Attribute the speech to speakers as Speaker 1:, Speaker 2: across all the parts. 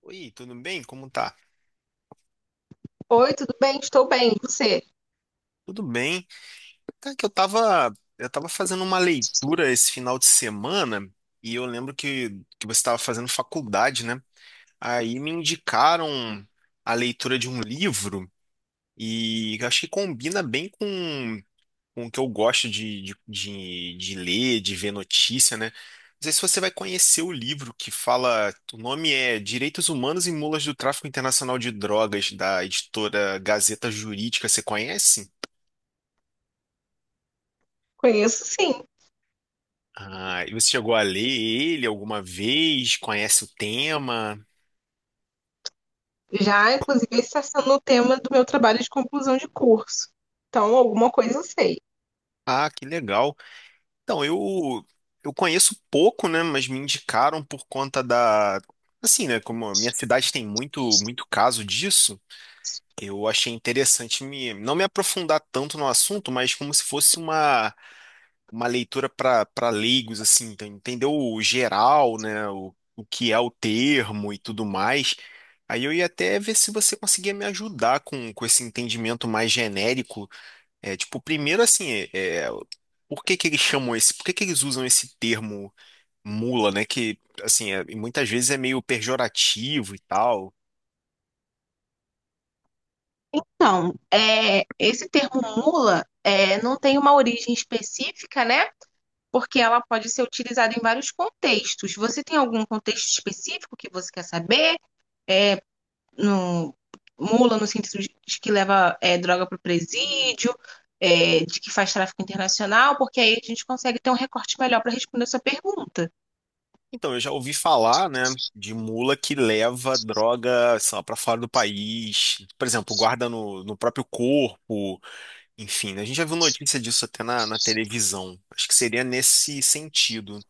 Speaker 1: Oi, tudo bem? Como tá?
Speaker 2: Oi, tudo bem? Estou bem. E você?
Speaker 1: Tudo bem. Tá que eu tava, eu tava fazendo uma leitura esse final de semana e eu lembro que você estava fazendo faculdade, né? Aí me indicaram a leitura de um livro e eu acho que combina bem com o que eu gosto de ler, de ver notícia, né? Não sei se você vai conhecer o livro que fala, o nome é Direitos Humanos e Mulas do Tráfico Internacional de Drogas, da editora Gazeta Jurídica. Você conhece?
Speaker 2: Conheço sim.
Speaker 1: Ah, e você chegou a ler ele alguma vez? Conhece o tema?
Speaker 2: Já, inclusive, esse está sendo o tema do meu trabalho de conclusão de curso. Então, alguma coisa eu sei.
Speaker 1: Ah, que legal. Então, eu conheço pouco, né, mas me indicaram por conta da assim, né, como a minha cidade tem muito caso disso, eu achei interessante me não me aprofundar tanto no assunto, mas como se fosse uma leitura para leigos, assim, então, entender o geral, né, o que é o termo e tudo mais. Aí eu ia até ver se você conseguia me ajudar com esse entendimento mais genérico. É, tipo, primeiro, assim, é, é, por que que eles usam esse termo mula, né, que, assim, e muitas vezes é meio pejorativo e tal.
Speaker 2: Então, esse termo mula não tem uma origem específica, né? Porque ela pode ser utilizada em vários contextos. Você tem algum contexto específico que você quer saber? No, mula no sentido de que leva droga para o presídio, de que faz tráfico internacional, porque aí a gente consegue ter um recorte melhor para responder a sua pergunta.
Speaker 1: Então, eu já ouvi falar, né, de mula que leva droga, sei lá, para fora do país, por exemplo, guarda no próprio corpo. Enfim, né, a gente já viu notícia disso até na televisão. Acho que seria nesse sentido.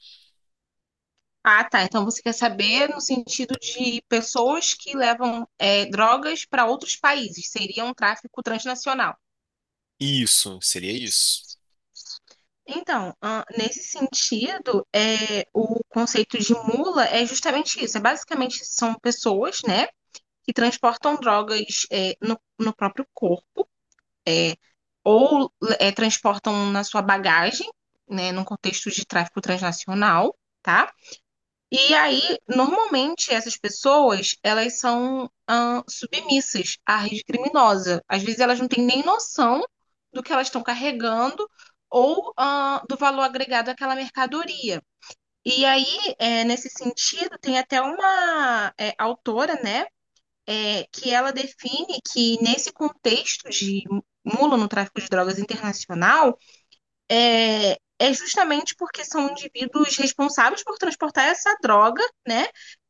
Speaker 2: Ah, tá. Então você quer saber no sentido de pessoas que levam drogas para outros países. Seria um tráfico transnacional.
Speaker 1: Isso, seria isso.
Speaker 2: Então, ah, nesse sentido, o conceito de mula é justamente isso. É basicamente são pessoas, né, que transportam drogas no próprio corpo ou transportam na sua bagagem, né, num contexto de tráfico transnacional, tá? E aí, normalmente, essas pessoas, elas são submissas à rede criminosa. Às vezes, elas não têm nem noção do que elas estão carregando ou do valor agregado àquela mercadoria. E aí, nesse sentido, tem até uma autora, né, que ela define que nesse contexto de mula no tráfico de drogas internacional, é, é justamente porque são indivíduos responsáveis por transportar essa droga, né?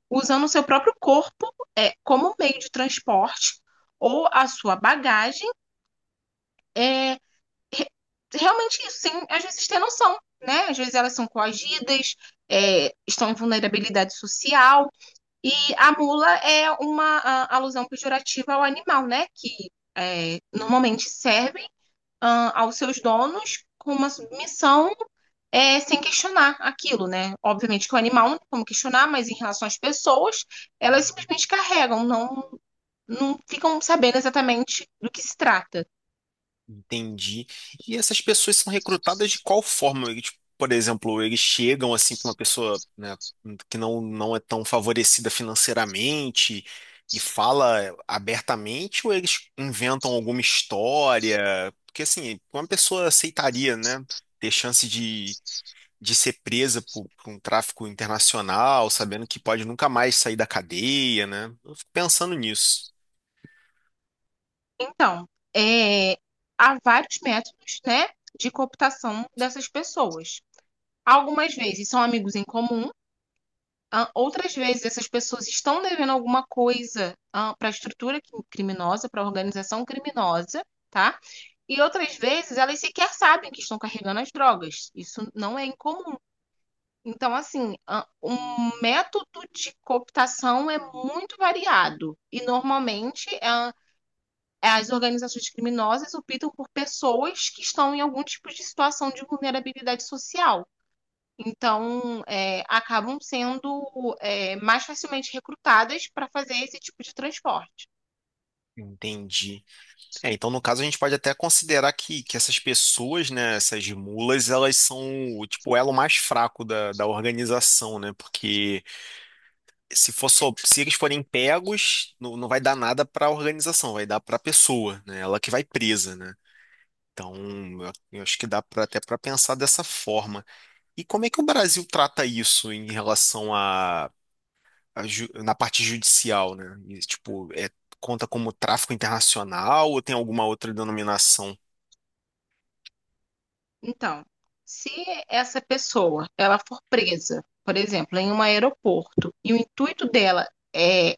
Speaker 2: Usando o seu próprio corpo como meio de transporte ou a sua bagagem. É, realmente isso, sem às vezes ter noção, né? Às vezes elas são coagidas, é, estão em vulnerabilidade social. E a mula é uma alusão pejorativa ao animal, né? Que é, normalmente servem ah, aos seus donos com uma submissão sem questionar aquilo, né? Obviamente que o animal não tem como questionar, mas em relação às pessoas, elas simplesmente carregam, não, não ficam sabendo exatamente do que se trata.
Speaker 1: Entendi. E essas pessoas são recrutadas de qual forma? Eles, tipo, por exemplo, eles chegam assim para uma pessoa, né, que não é tão favorecida financeiramente e fala abertamente, ou eles inventam alguma história? Porque assim, uma pessoa aceitaria, né, ter chance de ser presa por um tráfico internacional, sabendo que pode nunca mais sair da cadeia, né? Eu fico pensando nisso.
Speaker 2: Então, é, há vários métodos, né, de cooptação dessas pessoas. Algumas vezes são amigos em comum, ah, outras vezes essas pessoas estão devendo alguma coisa ah, para a estrutura criminosa, para a organização criminosa, tá? E outras vezes elas sequer sabem que estão carregando as drogas. Isso não é incomum. Então, assim, o método de cooptação é muito variado e normalmente é, as organizações criminosas optam por pessoas que estão em algum tipo de situação de vulnerabilidade social. Então, é, acabam sendo, é, mais facilmente recrutadas para fazer esse tipo de transporte.
Speaker 1: Entendi. É, então, no caso, a gente pode até considerar que essas pessoas, né, essas mulas, elas são o elo mais fraco da organização, né? Porque se for só, se eles forem pegos, não vai dar nada para a organização, vai dar para a pessoa, né? Ela que vai presa, né? Então, eu acho que dá pra, até para pensar dessa forma. E como é que o Brasil trata isso em relação na parte judicial, né? E, tipo, é, conta como tráfico internacional ou tem alguma outra denominação?
Speaker 2: Então, se essa pessoa ela for presa, por exemplo, em um aeroporto, e o intuito dela é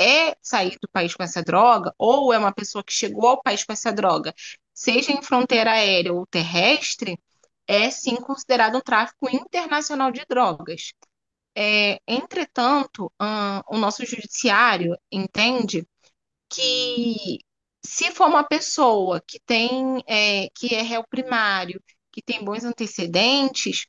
Speaker 2: é sair do país com essa droga, ou é uma pessoa que chegou ao país com essa droga, seja em fronteira aérea ou terrestre, é sim considerado um tráfico internacional de drogas. É, entretanto, o nosso judiciário entende que se for uma pessoa que tem que é réu primário, que tem bons antecedentes,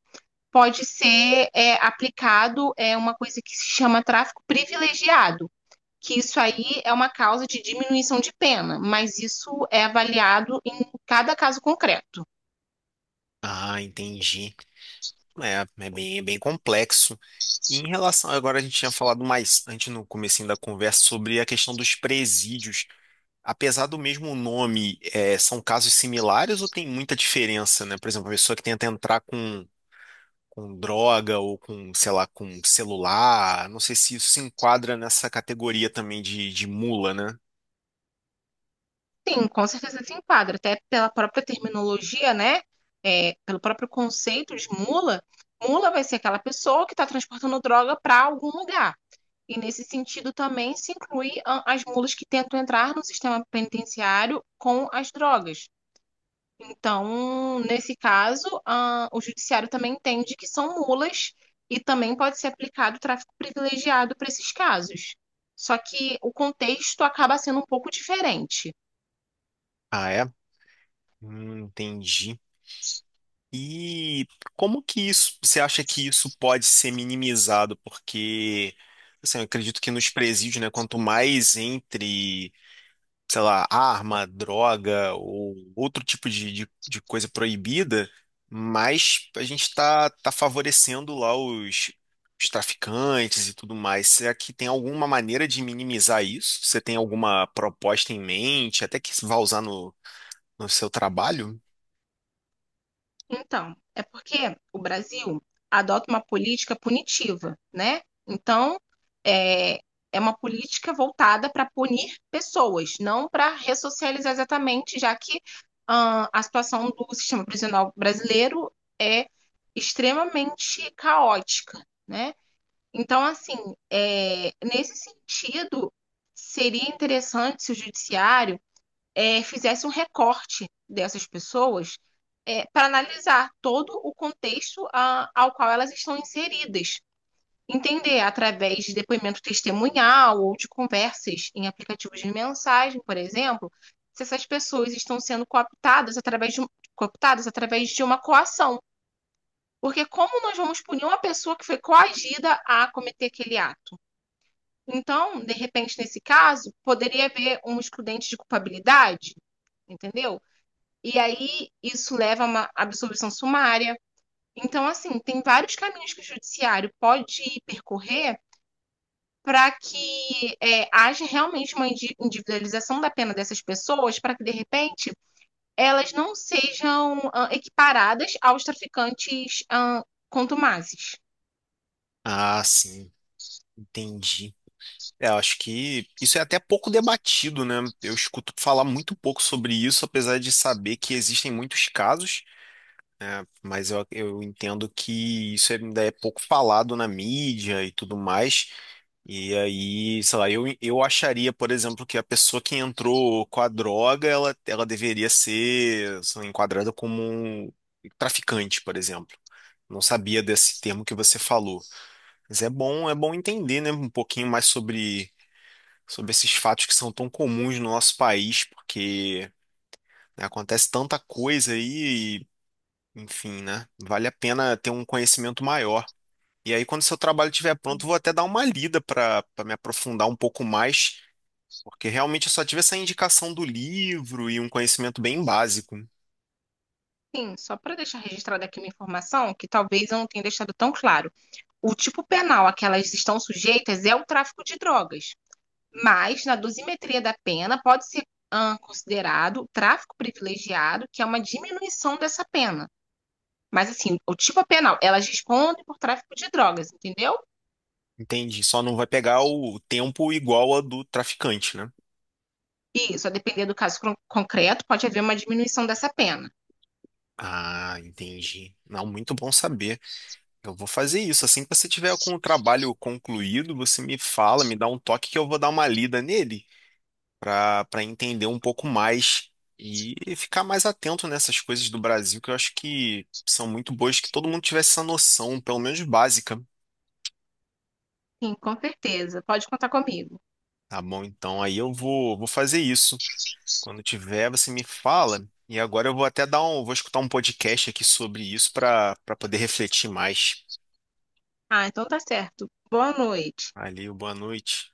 Speaker 2: pode ser aplicado uma coisa que se chama tráfico privilegiado, que isso aí é uma causa de diminuição de pena, mas isso é avaliado em cada caso concreto.
Speaker 1: Ah, entendi. É bem complexo. E em relação, agora a gente tinha falado mais antes no comecinho da conversa sobre a questão dos presídios. Apesar do mesmo nome, é, são casos similares ou tem muita diferença, né? Por exemplo, a pessoa que tenta entrar com droga ou com, sei lá, com celular. Não sei se isso se enquadra nessa categoria também de mula, né?
Speaker 2: Sim, com certeza se enquadra, até pela própria terminologia, né? É, pelo próprio conceito de mula, mula vai ser aquela pessoa que está transportando droga para algum lugar. E nesse sentido também se inclui as mulas que tentam entrar no sistema penitenciário com as drogas. Então, nesse caso, o judiciário também entende que são mulas e também pode ser aplicado o tráfico privilegiado para esses casos. Só que o contexto acaba sendo um pouco diferente.
Speaker 1: Ah, é? Entendi. E como que isso, você acha que isso pode ser minimizado? Porque, assim, eu acredito que nos presídios, né, quanto mais entre sei lá, arma, droga ou outro tipo de coisa proibida, mas a gente está tá tá favorecendo lá os traficantes e tudo mais. Será que tem alguma maneira de minimizar isso? Você tem alguma proposta em mente, até que vá usar no seu trabalho?
Speaker 2: Então, é porque o Brasil adota uma política punitiva, né? Então, é, é uma política voltada para punir pessoas, não para ressocializar exatamente, já que ah, a situação do sistema prisional brasileiro é extremamente caótica, né? Então, assim, nesse sentido, seria interessante se o judiciário fizesse um recorte dessas pessoas para analisar todo o contexto ah, ao qual elas estão inseridas. Entender através de depoimento testemunhal ou de conversas em aplicativos de mensagem, por exemplo, se essas pessoas estão sendo cooptadas cooptadas através de uma coação. Porque como nós vamos punir uma pessoa que foi coagida a cometer aquele ato? Então, de repente, nesse caso, poderia haver um excludente de culpabilidade, entendeu? E aí isso leva a uma absolvição sumária. Então, assim, tem vários caminhos que o judiciário pode percorrer para que haja realmente uma individualização da pena dessas pessoas, para que, de repente, elas não sejam ah, equiparadas aos traficantes ah, contumazes.
Speaker 1: Ah, sim, entendi. É, eu acho que isso é até pouco debatido, né? Eu escuto falar muito pouco sobre isso, apesar de saber que existem muitos casos. Mas eu entendo que isso ainda é pouco falado na mídia e tudo mais. E aí, sei lá, eu acharia, por exemplo, que a pessoa que entrou com a droga, ela deveria ser, sei lá, enquadrada como um traficante, por exemplo. Não sabia desse termo que você falou. Mas é bom entender, né, um pouquinho mais sobre, sobre esses fatos que são tão comuns no nosso país, porque né, acontece tanta coisa aí enfim, né? Vale a pena ter um conhecimento maior. E aí, quando seu trabalho estiver pronto, vou até dar uma lida para me aprofundar um pouco mais, porque realmente eu só tive essa indicação do livro e um conhecimento bem básico.
Speaker 2: Sim, só para deixar registrada aqui uma informação que talvez eu não tenha deixado tão claro. O tipo penal a que elas estão sujeitas é o tráfico de drogas. Mas na dosimetria da pena pode ser ah, considerado tráfico privilegiado, que é uma diminuição dessa pena. Mas assim, o tipo penal, elas respondem por tráfico de drogas, entendeu?
Speaker 1: Entendi. Só não vai pegar o tempo igual a do traficante, né?
Speaker 2: E só depender do caso concreto, pode haver uma diminuição dessa pena.
Speaker 1: Ah, entendi. Não, muito bom saber. Eu vou fazer isso. Assim que você tiver com o trabalho concluído, você me fala, me dá um toque que eu vou dar uma lida nele para entender um pouco mais e ficar mais atento nessas coisas do Brasil, que eu acho que são muito boas, que todo mundo tivesse essa noção, pelo menos básica,
Speaker 2: Sim, com certeza. Pode contar comigo.
Speaker 1: tá bom? Então aí vou fazer isso. Quando tiver, você me fala. E agora eu vou até vou escutar um podcast aqui sobre isso para poder refletir mais.
Speaker 2: Ah, então tá certo. Boa noite.
Speaker 1: Valeu, boa noite.